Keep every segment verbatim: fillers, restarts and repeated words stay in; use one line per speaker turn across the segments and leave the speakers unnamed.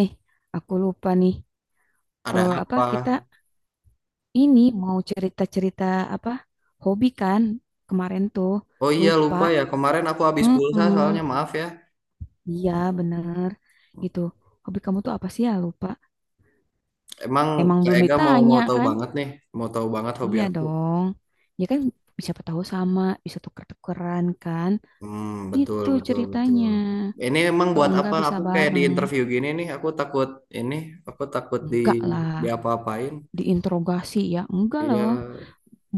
Eh, aku lupa nih.
Ada
Eh, apa
apa?
kita ini mau cerita-cerita apa hobi kan kemarin tuh
Oh iya
lupa.
lupa ya kemarin aku habis pulsa
Hmm,
soalnya maaf ya.
iya bener gitu. Hobi kamu tuh apa sih ya lupa?
Emang
Emang
Kak
belum
Ega mau mau
ditanya
tahu
kan?
banget nih, mau tahu banget hobi
Iya
aku.
dong. Ya kan siapa tahu sama bisa tuker-tukeran kan?
Hmm, betul
Gitu
betul
ceritanya.
betul. Ini emang
Atau
buat apa?
enggak bisa
Aku kayak di
bareng?
interview gini nih, aku takut ini, aku takut di
Enggak
di
lah.
apa-apain.
Diinterogasi ya? Enggak
Iya.
loh.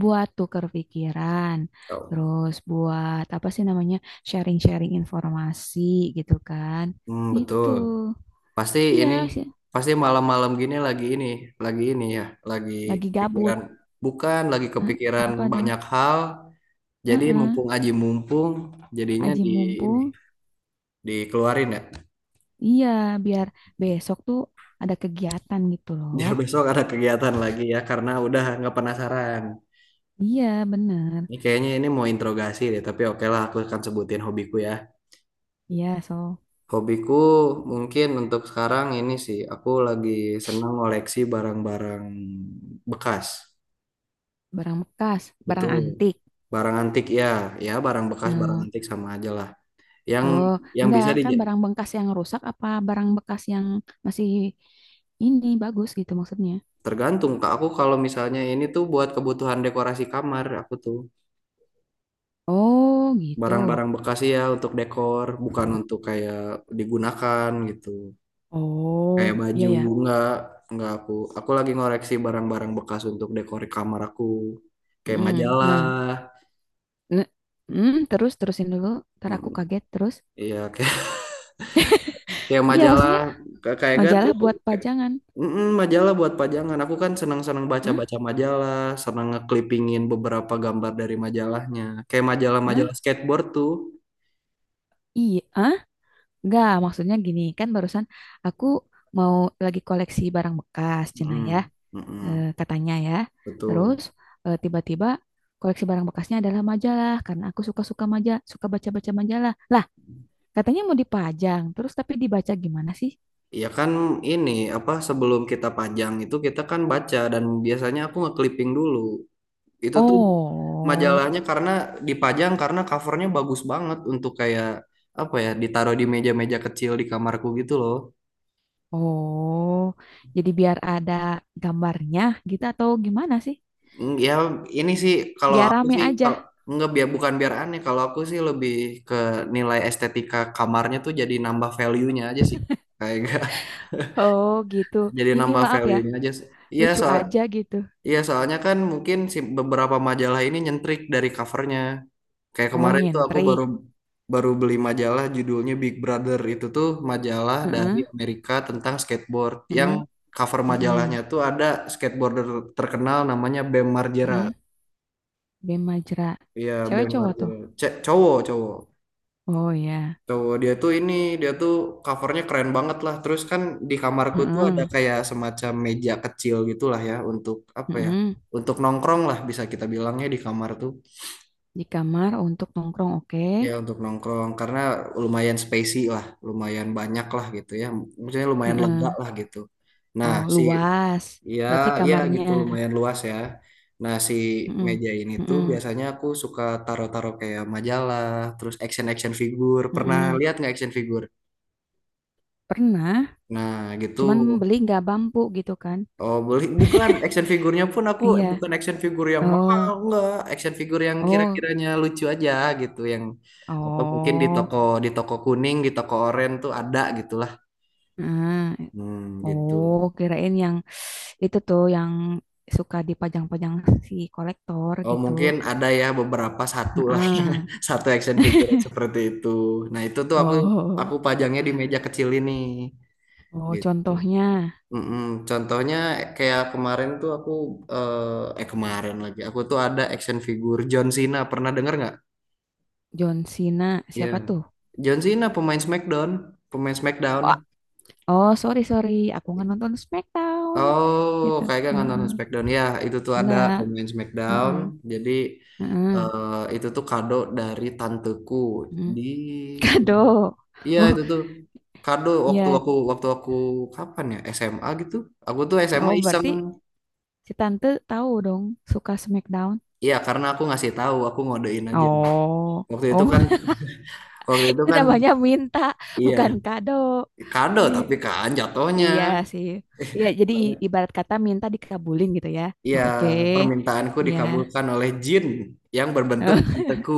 Buat tukar pikiran,
Oh.
terus buat apa sih namanya sharing-sharing informasi gitu kan,
Hmm,
gitu.
betul. Pasti ini,
Iya sih,
pasti malam-malam gini lagi ini, lagi ini ya, lagi
lagi gabut.
kepikiran. Bukan lagi
Eh,
kepikiran
apa dong?
banyak hal. Jadi
Heeh,
mumpung aji mumpung jadinya
aji
di ini
mumpung.
dikeluarin ya.
Iya, biar besok tuh ada kegiatan gitu loh.
Biar besok ada kegiatan lagi ya karena udah nggak penasaran.
Iya, bener.
Ini kayaknya ini mau interogasi deh, tapi oke lah aku akan sebutin hobiku ya.
Iya, so
Hobiku mungkin untuk sekarang ini sih aku lagi senang ngoleksi barang-barang bekas.
barang bekas, barang
Betul.
antik.
Barang antik ya, ya barang bekas, barang
Nah,
antik sama aja lah. Yang
oh,
yang
enggak
bisa di
kan barang bekas yang rusak apa barang bekas yang masih ini bagus gitu maksudnya.
tergantung Kak. Aku kalau misalnya ini tuh buat kebutuhan dekorasi kamar aku tuh.
Oh, gitu.
Barang-barang bekas ya untuk dekor, bukan untuk kayak digunakan gitu. Kayak
Oh,
baju
iya ya.
enggak, enggak aku. Aku lagi ngoreksi barang-barang bekas untuk dekor kamar aku. Kayak
Mm,
majalah.
Nah, ne- mm, terus terusin dulu. Ntar aku
Mm.
kaget terus.
Iya, kayak, kayak
Iya,
majalah,
maksudnya
Ka- kayak gak tuh,
majalah buat pajangan.
mm, majalah buat pajangan. Aku kan senang-senang
Hah?
baca-baca majalah, senang ngeklipingin beberapa gambar dari majalahnya. Kayak majalah-majalah
Hah?
skateboard tuh.
Iya, ah? Enggak, maksudnya gini, kan barusan aku mau lagi koleksi barang bekas, Cina ya,
Mm,
eh,
mm,
katanya ya. Terus
betul.
eh, tiba-tiba koleksi barang bekasnya adalah majalah karena aku suka-suka majalah, suka baca-baca majalah. Lah, katanya mau dipajang, terus tapi dibaca gimana sih?
Ya kan ini apa sebelum kita pajang itu kita kan baca dan biasanya aku nge-clipping dulu. Itu tuh majalahnya
Oh.
karena dipajang karena covernya bagus banget untuk kayak apa ya ditaruh di meja-meja kecil di kamarku gitu loh.
Oh, jadi biar ada gambarnya gitu atau gimana sih?
Mm, ya ini sih kalau
Biar
aku
rame
sih
aja.
kalau nggak biar bukan biar aneh kalau aku sih lebih ke nilai estetika kamarnya tuh jadi nambah value-nya aja sih kayak
Oh, gitu.
jadi
Ini
nambah
maaf ya,
value-nya aja sih. Iya
lucu
soal
aja gitu.
Iya, soalnya kan mungkin si beberapa majalah ini nyentrik dari covernya. Kayak
Oh,
kemarin tuh aku baru
nyentrik.
baru beli majalah judulnya Big Brother. Itu tuh majalah dari
Heeh,
Amerika tentang skateboard. Yang
heeh,
cover
heeh,
majalahnya tuh ada skateboarder terkenal namanya Bam Margera.
heeh. Bem Majra.
Iya,
Cewek
Bam
cowok tuh.
Margera. Cek cowok, cowok.
Oh ya.
Cowok dia tuh ini, dia tuh covernya keren banget lah. Terus kan di kamarku tuh ada
Heeh,
kayak semacam meja kecil gitulah ya untuk apa ya?
heeh.
Untuk nongkrong lah bisa kita bilangnya di kamar tuh.
Di kamar untuk nongkrong, oke.
Ya untuk nongkrong karena lumayan spacey lah, lumayan banyak lah gitu ya. Maksudnya lumayan lega
Heeh.
lah gitu. Nah,
Oh,
si
luas.
ya
Berarti
ya
kamarnya.
gitu lumayan luas ya. Nah, si
Heeh,
meja ini tuh
heeh,
biasanya aku suka taruh-taruh kayak majalah, terus action-action figure. Pernah
heeh.
lihat nggak action figure?
Pernah,
Nah, gitu.
cuman beli nggak bambu gitu kan?
Oh, beli bukan action figurnya pun aku
Iya.
bukan action figure yang mahal,
Oh,
enggak. Action figure yang
oh,
kira-kiranya lucu aja gitu, yang apa mungkin di
oh,
toko di toko kuning, di toko oranye tuh ada gitulah.
nah,
Hmm, gitu.
oh, kirain yang itu tuh yang suka dipajang-pajang si kolektor
Oh,
gitu.
mungkin ada ya beberapa satu lah.
Heeh.
Satu action figure yang seperti itu. Nah, itu tuh aku
Oh,
aku pajangnya di meja kecil ini
oh,
gitu.
contohnya
Mm-mm. Contohnya kayak kemarin tuh aku eh eh, kemarin lagi aku tuh ada action figure John Cena. Pernah denger nggak?
John Cena,
Iya.
siapa tuh?
John Cena pemain SmackDown, pemain SmackDown.
Wah, oh, sorry, sorry, aku nggak nonton SmackDown
Oh,
gitu.
kayaknya nggak
Heeh.
nonton SmackDown ya. Itu tuh ada
Enggak,
pemain SmackDown.
heeh,
Jadi
heeh,
eh, itu tuh kado dari tanteku
heeh.
di umur.
Kado.
Iya
Oh,
itu tuh kado waktu
iya,
aku waktu aku kapan ya S M A gitu. Aku tuh S M A
oh,
iseng.
berarti si tante tahu dong suka SmackDown.
Iya karena aku ngasih tahu aku ngodein aja.
Oh.
Waktu itu kan
Oh.
waktu itu
Itu
kan
namanya minta, bukan
iya,
kado.
kado
Iya,
tapi kan jatuhnya.
iya sih. Iya, jadi i- ibarat kata minta dikabulin gitu ya.
Ya,
Oh, oke.
permintaanku
Iya.
dikabulkan oleh jin yang berbentuk tanteku.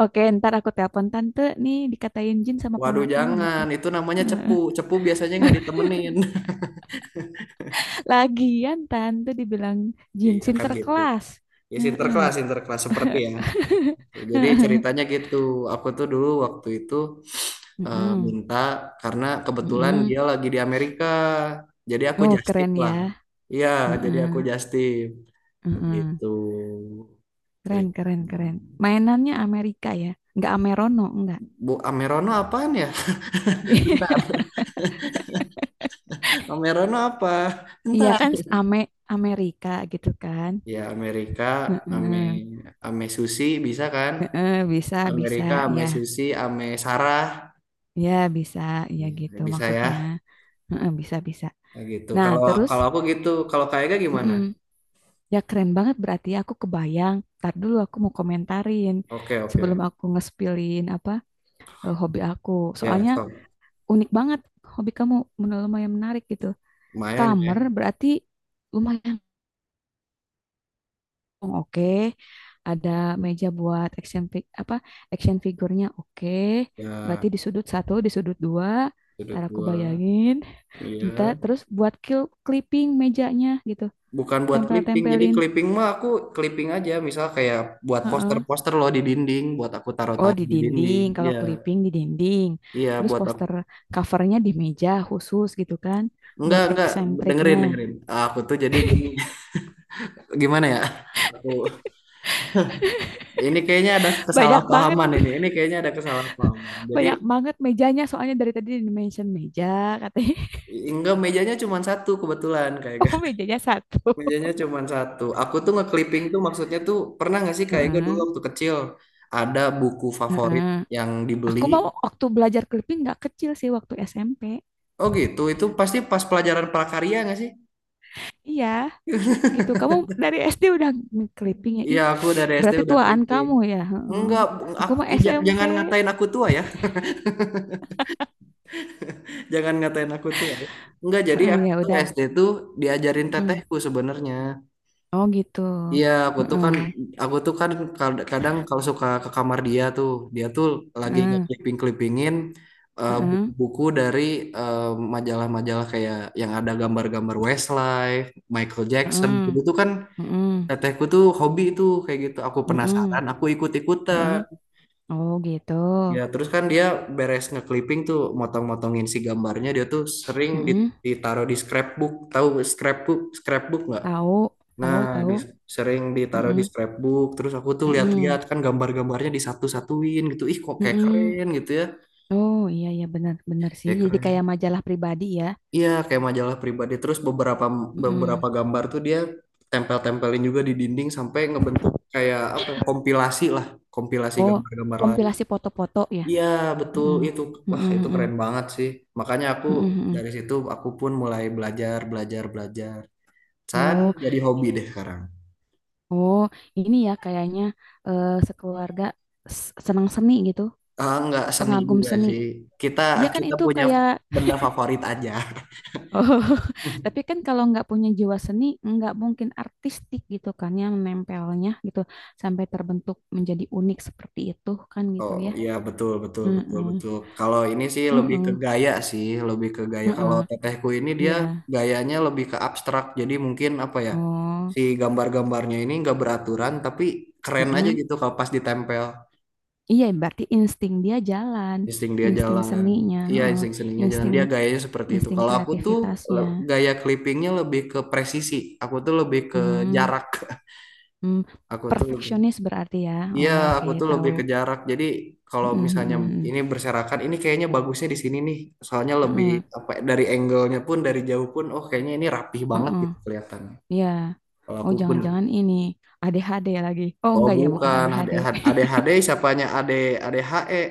Oke, ntar aku telepon tante nih dikatain jin sama
Waduh,
ponakan gitu.
jangan. Itu namanya cepu.
Heeh.
Cepu biasanya nggak ditemenin.
Lagian tante dibilang jin
Iya kan gitu.
sinterklas.
Ya,
Heeh.
sinterklas, sinterklas seperti ya. Seperti itu. Jadi ceritanya gitu. Aku tuh dulu waktu itu eh,
Mm-mm.
minta karena kebetulan
Mm-mm.
dia lagi di Amerika. Jadi aku
Oh,
justip
keren ya.
lah. Iya, jadi aku
Mm-mm.
justip. Begitu
Keren,
ceritanya.
keren, keren. Mainannya Amerika ya. Nggak Amerono, enggak.
Bu Amerono apaan ya? Bentar. Amerono apa?
Iya
Entar.
kan Ame Amerika gitu kan.
Ya Amerika, Ame,
Heeh.
Ame Susi bisa kan?
Heeh, bisa bisa
Amerika, Ame
ya.
Susi, Ame Sarah.
Ya bisa ya
Iya,
gitu
bisa ya.
maksudnya. Heeh, bisa bisa.
Nah, gitu.
Nah,
Kalau
terus
kalau aku gitu, kalau kayaknya gimana?
mm-mm. Ya keren banget berarti ya, aku kebayang. Ntar dulu aku mau komentarin
Oke, oke.
sebelum aku ngespilin apa eh, hobi aku.
Ya,
Soalnya
sok.
unik banget hobi kamu menurut lumayan menarik gitu.
Lumayan
Kamar
ya.
berarti lumayan oh, oke, ada meja buat action fi- apa action figurnya. Oke, berarti
Ya,
di sudut satu, di sudut dua.
sudut
Ntar aku
dua.
bayangin. Ntar
Iya.
terus buat kil- clipping mejanya gitu,
Bukan buat clipping. Jadi
tempel-tempelin.
clipping mah aku clipping aja. Misal kayak buat
Heeh.
poster-poster loh di dinding, buat aku
Oh di
taruh-taruh di dinding.
dinding, kalau
Iya,
clipping di dinding.
iya
Terus
buat aku.
poster covernya di meja khusus gitu kan,
Enggak,
buat
enggak.
eksentriknya.
Dengerin, dengerin. Aku tuh jadi gini, gimana ya? Aku ini kayaknya ada
Banyak banget,
kesalahpahaman ini. Ini kayaknya ada kesalahpahaman. Jadi
banyak banget mejanya. Soalnya dari tadi di mention meja katanya.
enggak mejanya cuma satu kebetulan kayak gak.
Oh mejanya satu.
Mejanya cuma satu. Aku tuh nge-clipping tuh maksudnya tuh pernah nggak sih kayak gak dulu
Heeh,
waktu kecil ada buku favorit
heeh.
yang dibeli.
Aku mau waktu belajar clipping nggak kecil sih waktu S M P.
Oh gitu, itu pasti pas pelajaran prakarya nggak sih?
Iya, gitu. Kamu dari S D udah clipping ya?
Iya,
Ih,
aku dari S D
berarti
udah
tuaan
clipping.
kamu ya. Heeh.
Enggak, bu-
Aku
ak-
mah
ih, ja-
S M P.
jangan ngatain aku tua ya. Jangan ngatain aku tua. Ya. Enggak, jadi
Heeh,
aku
ya
tuh
udah.
S D tuh diajarin
Mm.
tetehku sebenarnya.
Oh gitu.
Iya, aku tuh kan
Heeh.
aku tuh kan kad- kadang kalau suka ke kamar dia tuh, dia tuh lagi
Heeh.
nge-clipping-clippingin eh,
Heeh.
buku-buku dari eh, majalah-majalah kayak yang ada gambar-gambar Westlife, Michael Jackson.
Heeh.
Dulu tuh kan
Heeh.
tetehku tuh hobi itu kayak gitu. Aku
Heeh.
penasaran, aku
Heeh.
ikut-ikutan.
Oh gitu.
Ya, terus kan dia beres nge-clipping tuh motong-motongin si gambarnya, dia tuh sering
Heeh.
dit- ditaruh di scrapbook. Tahu scrapbook? Scrapbook nggak?
Tahu,
Nah,
tahu,
di,
tahu.
sering ditaruh di
Heeh.
scrapbook, terus aku tuh
Heeh.
lihat-lihat kan gambar-gambarnya disatu-satuin gitu. Ih, kok kayak
Heeh.
keren gitu ya.
Oh, iya iya benar benar sih.
Kayak
Jadi kayak
keren.
majalah pribadi ya.
Iya, kayak majalah pribadi. Terus beberapa
Heeh.
beberapa gambar tuh dia tempel-tempelin juga di dinding sampai ngebentuk kayak apa ya, kompilasi lah, kompilasi
Oh,
gambar-gambar lain.
kompilasi foto-foto ya.
Iya, betul
Mm-mm.
itu. Wah,
Mm-mm,
itu
mm-mm,
keren banget sih. Makanya aku
mm-mm, mm-mm.
dari situ aku pun mulai belajar, belajar, belajar. San
Oh,
jadi hobi deh sekarang.
oh, ini ya kayaknya eh, sekeluarga s- senang seni gitu,
Ah, nggak seni
pengagum
juga
seni.
sih. Kita
Iya kan
kita
itu
punya
kayak,
benda favorit aja.
oh, tapi kan kalau nggak punya jiwa seni, nggak mungkin artistik gitu kan yang menempelnya gitu sampai terbentuk menjadi unik seperti itu kan gitu
Oh
ya.
iya betul betul betul
Mm-mm,
betul. Kalau ini sih lebih ke
mm-mm,
gaya sih, lebih ke gaya. Kalau tetehku ini dia
iya.
gayanya lebih ke abstrak. Jadi mungkin apa ya
Oh,
si gambar-gambarnya ini nggak beraturan tapi keren aja
mm-mm.
gitu kalau pas ditempel.
Iya, berarti insting dia jalan,
Insting dia
insting
jalan.
seninya,
Iya
heeh,
insting seninya jalan.
insting
Dia gayanya seperti itu.
insting
Kalau aku tuh
kreativitasnya.
le- gaya clippingnya lebih ke presisi. Aku tuh lebih ke
Hmm,
jarak.
hmm.
Aku tuh lebih
Perfeksionis berarti ya.
Iya,
Oh, oke,
aku tuh lebih
tahu.
ke jarak. Jadi kalau
Mhm,
misalnya
mhm,
ini berserakan, ini kayaknya bagusnya di sini nih. Soalnya lebih
mhm.
apa dari angle-nya pun dari jauh pun, oh kayaknya ini rapih
Heeh,
banget
heeh.
gitu kelihatannya.
Iya.
Kalau
Oh,
aku pun,
jangan-jangan ini A D H D lagi. Oh,
oh
enggak ya, bukan
bukan
A D H D.
ADHD, ADHD siapanya AD ADHE,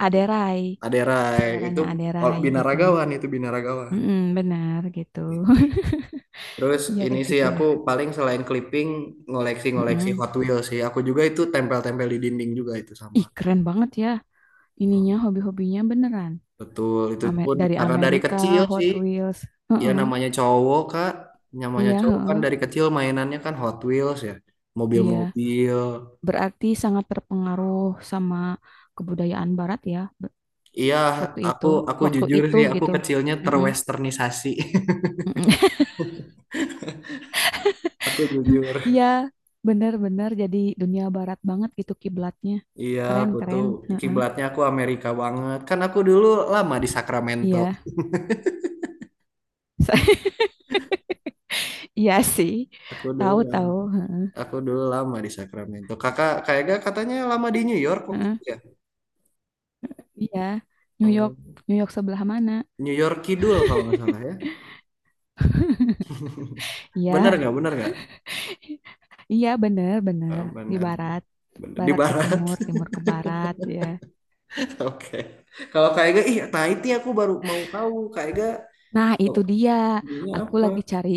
Aderai,
Rai itu
saudaranya
kalau
Aderai gitu.
binaragawan itu binaragawan.
Mm benar gitu.
Gitu. Terus
Ya
ini sih aku
gitulah.
paling selain clipping ngoleksi-ngoleksi
Mm-mm.
Hot Wheels sih. Aku juga itu tempel-tempel di dinding juga itu sama.
Ih, keren banget ya. Ininya
Hmm,
hobi-hobinya beneran.
betul, itu
Ame-
pun
dari
karena dari
Amerika,
kecil
Hot
sih.
Wheels.
Ya
Heeh.
namanya cowok Kak, namanya
Iya,
cowok kan
heeh.
dari kecil mainannya kan Hot Wheels ya,
Iya.
mobil-mobil.
Berarti sangat terpengaruh sama kebudayaan Barat ya be-
Iya,
waktu itu,
aku aku
waktu
jujur
itu
sih, aku
gitu.
kecilnya
Mm-mm.
terwesternisasi.
Mm-mm.
Aku jujur.
Iya, benar-benar jadi dunia Barat banget gitu kiblatnya.
Iya,
Keren,
aku tuh
keren. Heeh.
kiblatnya aku Amerika banget. Kan aku dulu lama di Sacramento.
Iya, iya sih.
Aku dulu lama,
Tahu-tahu. Heeh.
aku dulu lama di Sacramento. Kakak kayaknya katanya lama di New York waktu
Heeh.
itu ya.
Iya, New York,
Oh,
New York sebelah mana?
New York Kidul kalau nggak salah ya. Benar
Iya,
nggak? Benar nggak?
iya
Eh,
benar-benar di
benar.
Barat.
Benar. Di
Barat ke
barat.
timur, timur ke barat, ya.
Oke. Kalau Kak Ega, ih, nah itu aku baru mau tahu Kak Ega,
Nah,
oh,
itu dia.
ini
Aku
apa?
lagi cari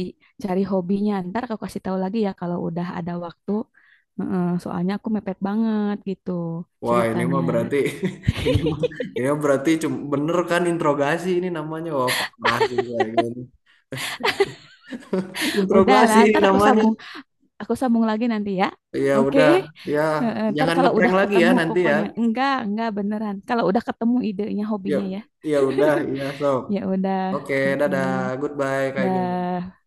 cari hobinya. Ntar aku kasih tahu lagi ya kalau udah ada waktu. Heeh, soalnya aku mepet banget gitu
Wah, ini mah
ceritanya.
berarti ini mah ini mah berarti cuma bener kan interogasi ini namanya. Wah, parah sih Kak Ega ini.
Udah lah,
Interogasi ini
ntar aku
namanya.
sambung, aku sambung lagi nanti ya.
Ya
Oke.
udah, ya
Heeh, ntar
jangan
kalau udah
ngeprank lagi ya
ketemu
nanti ya.
pokoknya. Enggak, enggak beneran. Kalau udah ketemu idenya
Yuk.
hobinya ya.
Ya udah, ya so.
Ya udah.
Oke, dadah.
Heeh,
Goodbye Kak Ega.
dah.